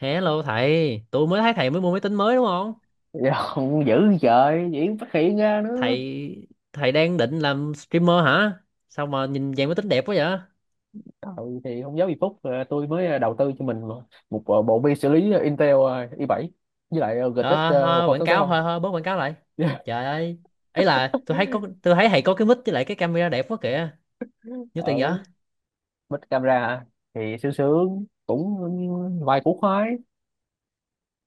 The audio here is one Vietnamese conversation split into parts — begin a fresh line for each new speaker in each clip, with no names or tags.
Hello thầy, tôi mới thấy thầy mới mua máy tính mới đúng không?
Dạ, không dữ, trời diễn phát hiện ra nữa.
Thầy thầy đang định làm streamer hả? Sao mà nhìn dạng máy tính đẹp quá vậy?
Trời, thì không giấu gì Phúc, tôi mới đầu tư cho mình một một bộ vi xử lý Intel i7 với lại GTX
Ờ,
một
Thôi,
không.
quảng
tám sáu
cáo
không.
thôi, thôi bớt quảng cáo lại. Trời ơi, ấy là tôi thấy thầy có cái mic với lại cái camera đẹp quá kìa. Nhiêu tiền vậy?
ở Bích camera hả? Thì sướng sướng cũng vài củ khoái.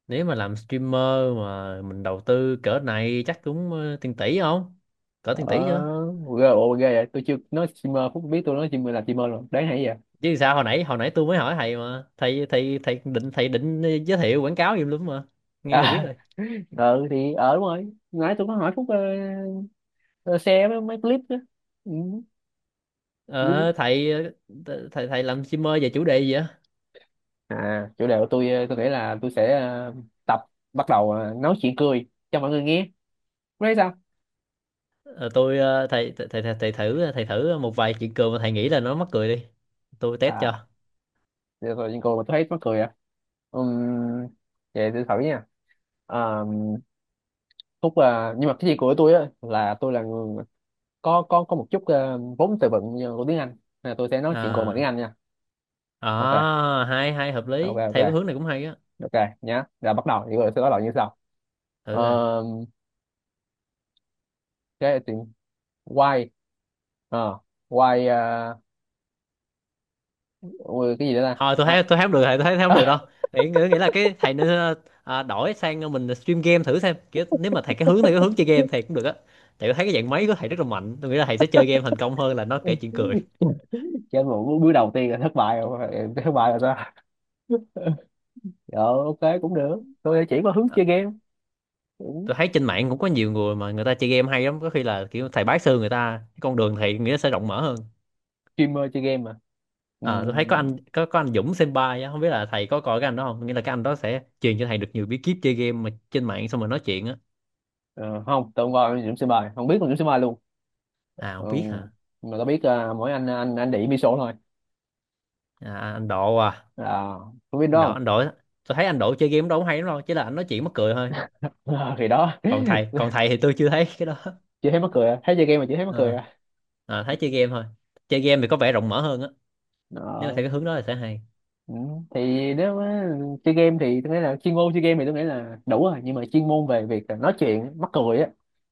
Nếu mà làm streamer mà mình đầu tư cỡ này chắc cũng tiền tỷ không? Cỡ tiền tỷ chưa?
ờ Ghê, ồ, ghê vậy, tôi chưa nói streamer Phúc biết tôi nói streamer là streamer rồi, đáng hay vậy.
Chứ sao hồi nãy tôi mới hỏi thầy mà. Thầy thầy thầy định giới thiệu quảng cáo gì luôn mà. Nghe là biết
À,
rồi.
ừ thì đúng rồi, nãy tôi có hỏi Phúc, ờ, share mấy clip đó, ừ.
Ờ, thầy thầy thầy làm streamer về chủ đề gì á?
À, chủ đề của tôi, tôi nghĩ là tôi sẽ tập bắt đầu nói chuyện cười cho mọi người nghe. Cô thấy sao?
Ờ, tôi ờ, thầy, thầy thầy thầy thử một vài chuyện cười mà thầy nghĩ là nó mắc cười đi. Tôi test
À,
cho.
giờ tôi nhìn cô mà tôi thấy mắc cười à. Ừm, Vậy tôi thử nha. Ờm, Phúc à, nhưng mà cái gì của tôi á là tôi là người có một chút vốn từ vựng như của tiếng Anh, nên là tôi sẽ nói chuyện cùng bằng
À,
tiếng Anh nha. OK,
à hay hay hợp
OK,
lý.
OK,
Theo cái hướng này cũng hay á.
OK, nhá là bắt đầu thì tôi sẽ bắt đầu như sau.
Thử
Ờ,
rồi.
cái thì why. Ờ, Why. Ôi, cái gì nữa ta.
Thôi
À,
tôi thấy không được thầy, tôi thấy thấy không được
à,
đâu. Nghĩ nghĩ nghĩ là cái thầy nên đổi sang mình stream game thử xem. Kiểu nếu mà thầy cái hướng này cái hướng chơi game thầy cũng được á. Tại tôi thấy cái dạng máy của thầy rất là mạnh. Tôi nghĩ là thầy sẽ chơi game thành công hơn là nó kể chuyện cười.
trên một bước đầu tiên là thất bại rồi. Em thất bại rồi sao? Dạ, OK cũng được, tôi chỉ có hướng chơi game cũng
Tôi thấy trên mạng cũng có nhiều người mà người ta chơi game hay lắm, có khi là kiểu thầy bái sư người ta, cái con đường thầy nghĩa sẽ rộng mở hơn.
streamer chơi game mà.
À, tôi thấy
Ừm,
có anh Dũng Senpai á, không biết là thầy có coi cái anh đó không, nghĩa là cái anh đó sẽ truyền cho thầy được nhiều bí kíp chơi game mà trên mạng xong rồi nói chuyện á.
ờ, Không, tôi không coi Dũng Sĩ Bài, không biết con Dũng Sĩ Bài luôn.
À không biết
Ừm,
hả?
mà tôi biết à, mỗi anh đĩ Miso thôi.
À, anh Độ à?
À, có biết
anh
đó
Độ
không?
anh Độ Tôi thấy anh Độ chơi game đâu cũng hay lắm, đâu chỉ là anh nói chuyện mắc cười thôi.
Ờ, thì đó.
còn thầy còn thầy thì tôi chưa thấy cái đó.
Chưa thấy mắc cười à? Thấy chơi game mà chưa thấy mắc cười
Ờ,
à?
ờ, thấy chơi game thôi, chơi game thì có vẻ rộng mở hơn á, nếu mà theo cái
Đó.
hướng đó thì sẽ hay.
Ừ. Thì nếu mà chơi game thì tôi nghĩ là chuyên môn chơi game thì tôi nghĩ là đủ rồi, nhưng mà chuyên môn về việc là nói chuyện mắc cười á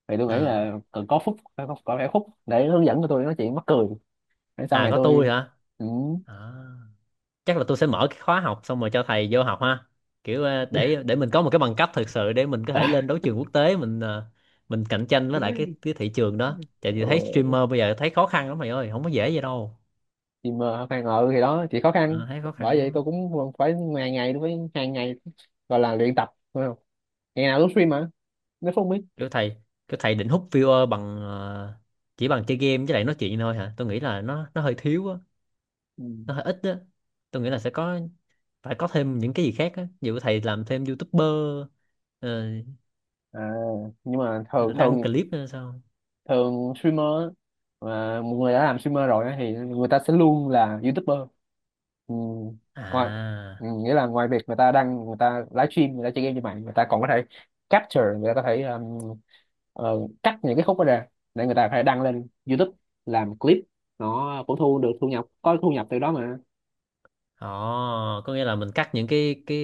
thì tôi nghĩ
Ờ.
là cần có Phúc, có phải Phúc để hướng dẫn cho tôi nói chuyện mắc cười để sau
À
này
có tôi
tôi.
hả?
Ừ.
À, chắc là tôi sẽ mở cái khóa học xong rồi cho thầy vô học ha, kiểu để mình có một cái bằng cấp thực sự để mình có thể lên đấu trường quốc tế, mình mình cạnh tranh với lại cái thị trường đó, tại vì thấy
Rồi.
streamer bây giờ thấy khó khăn lắm mày ơi, không có dễ vậy đâu.
Thì mà khoan, ngờ thì đó chỉ khó khăn,
Ờ, thấy khó
bởi
khăn
vậy tôi
lắm.
cũng phải ngày ngày, đối với hàng ngày, gọi là luyện tập phải không? Ngày nào cũng stream mà, nếu không biết.
Kiểu thầy kiểu thầy định hút viewer bằng chỉ bằng chơi game với lại nói chuyện thôi hả? Tôi nghĩ là nó hơi thiếu á,
Ừ.
nó hơi ít á. Tôi nghĩ là sẽ có phải có thêm những cái gì khác á, ví dụ thầy làm thêm youtuber, ờ,
À, nhưng mà thường
đăng
thường
clip nữa sao?
thường streamer mà một người đã làm streamer rồi á thì người ta sẽ luôn là YouTuber. Ừ. Ngoài,
À,
Nghĩa là ngoài việc người ta đăng, người ta livestream, người ta chơi game như vậy, người ta còn có thể capture, người ta có thể cắt những cái khúc đó ra để người ta có thể đăng lên YouTube làm clip, nó cũng thu được thu nhập, có thu nhập từ đó mà.
ồ, có nghĩa là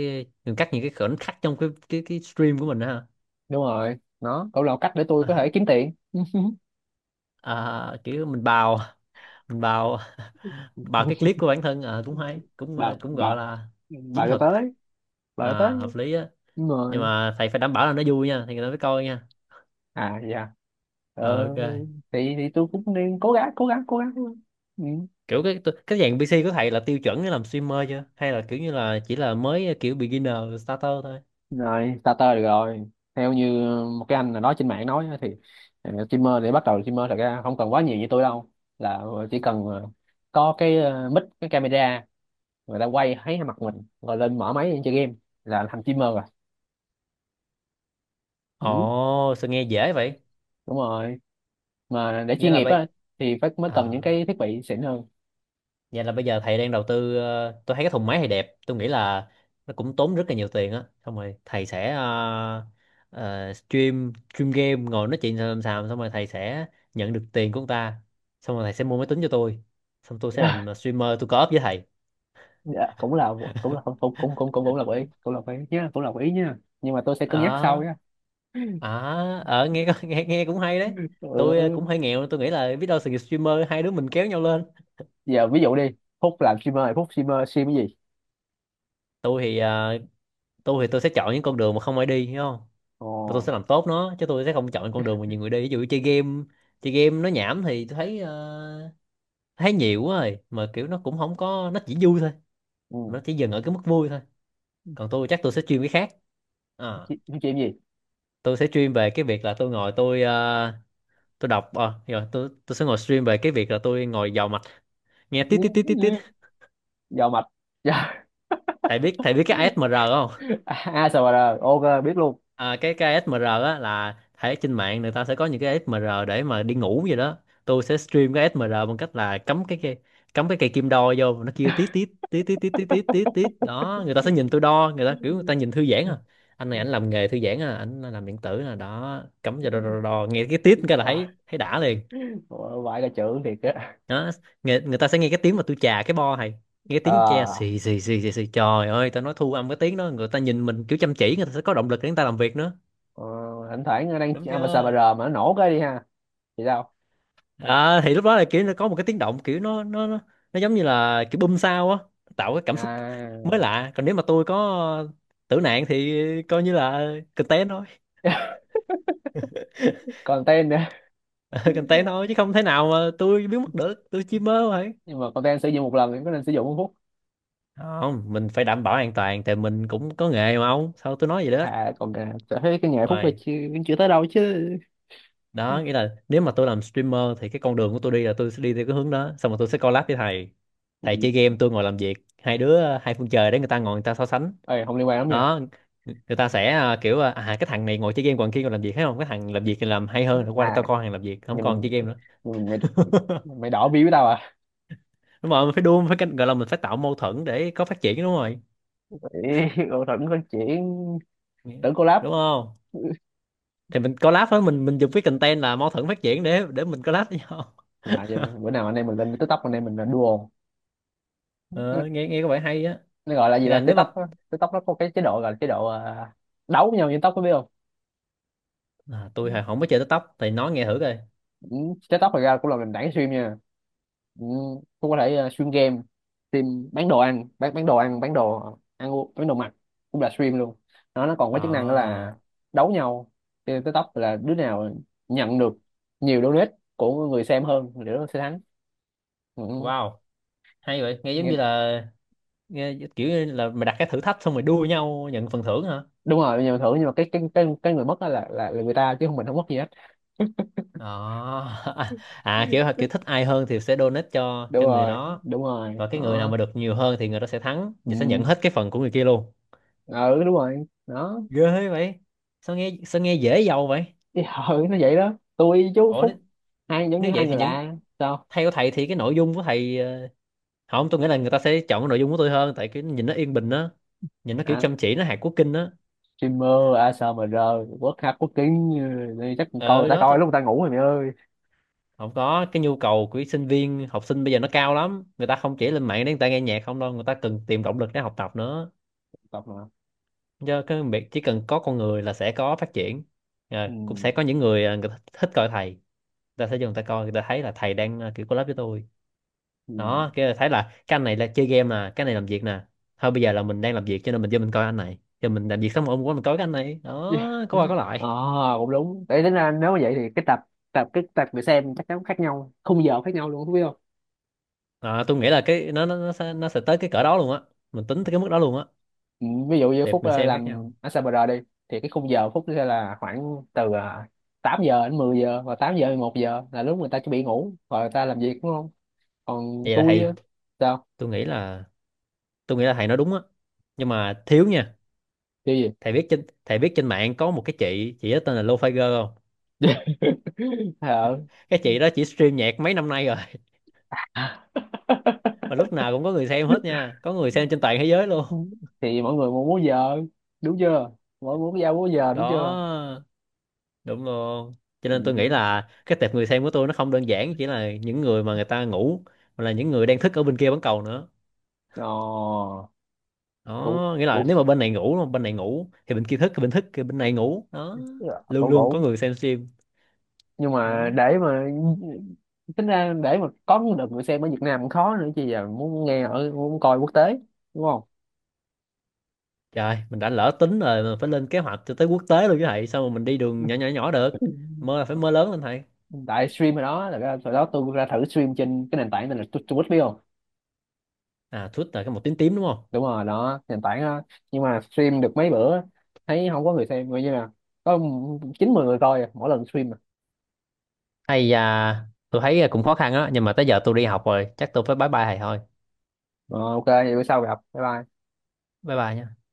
mình cắt những cái khoảnh khắc trong cái stream của mình đó hả?
Đúng rồi, nó cũng là một cách để tôi có thể
À,
kiếm tiền.
à, kiểu mình bào, bào cái clip của bản thân à, cũng hay cũng
Bảo
cũng
bà
gọi là
bà
chiến
cho
thuật.
tới,
À,
bà cho tới,
hợp lý á.
đúng
Nhưng
rồi.
mà thầy phải đảm bảo là nó vui nha thì người ta mới coi nha.
À, dạ,
Ờ,
ờ,
ok.
thì tôi cũng nên cố gắng cố gắng cố gắng. Ừ.
Kiểu cái dạng PC của thầy là tiêu chuẩn để làm streamer chưa, hay là kiểu như là chỉ là mới kiểu beginner, starter thôi?
Rồi, starter được rồi. Theo như một cái anh nào đó trên mạng nói á, thì streamer, để bắt đầu streamer thật ra không cần quá nhiều như tôi đâu, là chỉ cần có cái mic, cái camera, người ta quay thấy mặt mình rồi lên mở máy chơi game là thành streamer rồi. Ừ.
Ồ, sao nghe dễ vậy?
Đúng rồi, mà để
Nghĩa
chuyên
là
nghiệp
bây
á thì phải mới cần
À,
những cái thiết bị xịn hơn.
vậy là bây giờ thầy đang đầu tư, tôi thấy cái thùng máy thầy đẹp, tôi nghĩ là nó cũng tốn rất là nhiều tiền á, xong rồi thầy sẽ stream stream game ngồi nói chuyện xàm xàm, xong rồi thầy sẽ nhận được tiền của ông ta, xong rồi thầy sẽ mua máy tính cho tôi, xong tôi sẽ làm streamer tôi co-op với thầy.
Dạ, cũng là cũng cũng cũng cũng cũng cũng là quỹ, cũng là quỹ nhá, cũng là quỹ nhá, nhưng mà tôi sẽ cân nhắc sau
Ờ,
nhá.
à, ờ nghe nghe cũng hay đấy. Tôi cũng
Ừ.
hơi nghèo, tôi nghĩ là biết đâu sự nghiệp streamer hai đứa mình kéo nhau lên.
Giờ ví dụ đi, Phúc làm streamer thì Phúc stream cái gì?
Tôi thì ờ, tôi thì tôi sẽ chọn những con đường mà không ai đi hiểu không.
Ồ,
Tôi sẽ làm tốt nó, chứ tôi sẽ không chọn con đường mà nhiều người đi, ví dụ chơi game. Chơi game nó nhảm thì tôi thấy thấy nhiều quá rồi, mà kiểu nó cũng không có, nó chỉ vui thôi,
ừ.
nó chỉ dừng ở cái mức vui thôi. Còn tôi chắc tôi sẽ chuyên cái khác. Ờ,
stream stream gì?
tôi sẽ stream về cái việc là tôi ngồi tôi ờ, tôi đọc ờ, rồi tôi sẽ ngồi stream về cái việc là tôi ngồi vào mạch, nghe tít tít tít tít tít.
Dò mạch. Dạ,
Thầy biết thầy biết cái ASMR không?
ASMR. OK, biết luôn.
À, cái ASMR á là thấy trên mạng người ta sẽ có những cái ASMR để mà đi ngủ vậy đó. Tôi sẽ stream cái ASMR bằng cách là cắm cái cây kim đo vô, nó kêu tít tít tít tít tít tít tít tít tít đó, người ta sẽ nhìn tôi đo, người ta kiểu người ta nhìn thư giãn à, anh này anh làm nghề thư giãn à, anh làm điện tử là đó, cắm vào đo, đo, đo, đo, nghe cái tít cái là
Ờ,
thấy thấy đã liền.
ờ, Vãi cả chữ thiệt á.
Đó, người ta sẽ nghe cái tiếng mà tôi chà cái bo này, nghe tiếng tre
À,
xì xì xì xì xì, trời ơi tao nói thu âm cái tiếng đó, người ta nhìn mình kiểu chăm chỉ, người ta sẽ có động lực để người ta làm việc nữa.
ờ, thỉnh thoảng nó đang
Đúng
ASMR
chưa?
mà nó nổ cái đi ha, thì sao
À, thì lúc đó là kiểu nó có một cái tiếng động, kiểu nó giống như là kiểu bum sao á, tạo cái cảm xúc mới
à?
lạ. Còn nếu mà tôi có tử nạn thì coi như là content thôi.
Content nữa.
Content thôi, chứ không thể nào mà tôi biến mất được, tôi chỉ mơ thôi.
Nhưng mà content sử dụng một lần thì có nên sử dụng không?
Không, mình phải đảm bảo an toàn thì mình cũng có nghề mà ông, sao tôi nói vậy đó.
À, còn cả thấy cái nhà Phúc là
Rồi.
chưa, chưa tới đâu chứ.
Đó nghĩa là nếu mà tôi làm streamer thì cái con đường của tôi đi là tôi sẽ đi theo cái hướng đó, xong rồi tôi sẽ collab với thầy. Thầy chơi game, tôi ngồi làm việc, hai đứa hai phương trời để người ta ngồi người ta so sánh.
Ê, không liên quan lắm nha.
Đó, người ta sẽ cái thằng này ngồi chơi game còn kia còn làm việc, thấy không, cái thằng làm việc thì làm hay hơn, rồi qua
À,
tao coi thằng làm việc không
nhưng
còn
mình
chơi game nữa.
nhưng mày mày đỏ bi với tao à?
Đúng rồi, mình phải đua, gọi là mình phải tạo mâu thuẫn để có phát triển, đúng rồi.
Ê, cậu Thuận có chuyện tưởng collab.
Đúng không? Thì mình collab với mình dùng cái content là mâu thuẫn phát triển để mình collab với nhau.
Dạ, giờ bữa nào anh em mình lên TikTok, anh em mình là duo. nó,
Ờ, nghe nghe có vẻ hay á.
nó gọi là gì
Nghĩa là
ta,
nếu
TikTok
mà
á. TikTok nó có cái chế độ gọi là chế độ đấu với nhau trên tóc, có biết không?
À, tôi hồi không có chơi TikTok thì nói nghe thử coi.
Ừ, TikTok thật ra cũng là nền tảng stream nha. Ừ, cũng có thể stream game, stream bán đồ ăn, bán đồ ăn, bán đồ ăn uống, bán đồ mặc cũng là stream luôn. Nó còn có chức năng đó
À,
là đấu nhau trên TikTok, là đứa nào nhận được nhiều donate của người xem hơn thì đứa đó sẽ thắng. Ừ,
wow, hay vậy, nghe giống
nghe,
như là, kiểu như là mày đặt cái thử thách xong rồi đua nhau nhận phần thưởng hả?
đúng rồi, nhưng mà cái người mất đó là, là người ta chứ không, mình không mất gì hết.
Đó. À, à kiểu kiểu thích ai hơn thì sẽ donate
Đúng
cho người
rồi,
đó,
đúng rồi
và cái người nào
nó.
mà được nhiều hơn thì người đó sẽ thắng
Ừ,
và sẽ nhận hết cái phần của người kia luôn.
ừ đúng rồi nó.
Ghê vậy, sao nghe dễ giàu vậy?
Thì ừ, nó vậy đó. Tôi với chú
ủa nếu,
Phúc hai giống như
nếu
hai
vậy thì
người lạ sao?
theo thầy thì cái nội dung của thầy không, tôi nghĩ là người ta sẽ chọn cái nội dung của tôi hơn tại cái nhìn nó yên bình á, nhìn nó kiểu
À,
chăm chỉ, nó hạt quốc kinh á.
streamer ASMR quốc hát quốc kính. Ừ, đi chắc coi người
ờ
ta
đó
coi
tôi,
lúc người ta ngủ rồi mày ơi.
không có, cái nhu cầu của sinh viên học sinh bây giờ nó cao lắm, người ta không chỉ lên mạng để người ta nghe nhạc không đâu, người ta cần tìm động lực để học tập nữa,
Tập mà.
do cái việc chỉ cần có con người là sẽ có phát triển. Ờ,
Ừ.
cũng sẽ có những người người ta thích coi thầy, người ta sẽ vô người ta coi, người ta thấy là thầy đang kiểu collab với tôi.
Ừ.
Đó, cái là thấy là cái anh này là chơi game nè, cái này làm việc nè, thôi bây giờ là mình đang làm việc cho nên mình vô mình coi anh này, giờ mình làm việc xong rồi hôm qua mình coi cái anh này đó, có qua có
ờ
lại.
Cũng đúng, để tính ra nếu mà vậy thì cái tập tập cái tập người xem chắc chắn khác nhau, khung giờ khác nhau luôn không biết.
Ờ, tôi nghĩ là cái nó sẽ tới cái cỡ đó luôn á, mình tính tới cái mức đó luôn á.
Ừ, ví dụ như
Tệp
Phúc
người xem khác nhau.
làm ở Sabre đi thì cái khung giờ Phúc sẽ là khoảng từ 8 giờ đến 10 giờ và 8 giờ đến 1 giờ là lúc người ta chuẩn bị ngủ rồi người ta làm việc, đúng không? Còn
Vậy là
tôi á,
thầy
sao?
tôi nghĩ là tôi nghĩ là thầy nói đúng á, nhưng mà thiếu nha.
Cái gì?
Thầy biết trên mạng có một cái chị đó tên là Lô Figer không?
ờ
Cái chị đó chỉ stream nhạc mấy năm nay rồi, mà lúc nào cũng có người xem hết nha, có người xem trên toàn thế giới luôn.
thì mọi người muốn múa giờ, đúng chưa? Mọi người muốn giao múa giờ, đúng chưa?
Đó, đúng luôn. Cho
Ừ.
nên tôi nghĩ là cái tệp người xem của tôi nó không đơn giản chỉ là những người mà người ta ngủ, mà là những người đang thức ở bên kia bán cầu nữa.
ờ cũng
Đó, nghĩa là
cũng
nếu mà bên này ngủ thì bên kia thức, bên thức thì bên này ngủ đó, luôn
cũng
luôn có
cũng
người xem stream.
Nhưng mà
Đó,
để mà tính ra để mà có được người xem ở Việt Nam cũng khó nữa chứ, giờ muốn nghe ở muốn coi quốc tế, đúng không?
trời mình đã lỡ tính rồi mà, phải lên kế hoạch cho tới quốc tế luôn chứ thầy, sao mà mình đi đường nhỏ nhỏ nhỏ được. Mơ là phải mơ lớn lên thầy.
Tại stream ở đó là cái, hồi đó tôi ra thử stream trên cái nền tảng này là Twitch, biết không?
À Twitter cái màu tím tím đúng không?
Đúng rồi, đó nền tảng đó. Nhưng mà stream được mấy bữa, thấy không có người xem, coi như là có chín mười người coi à, mỗi lần stream à.
Hay à, tôi thấy à, cũng khó khăn á, nhưng mà tới giờ tôi đi học rồi, chắc tôi phải bye bye thầy thôi.
Ờ, OK vậy bữa sau gặp, bye bye.
Bye bye nhé.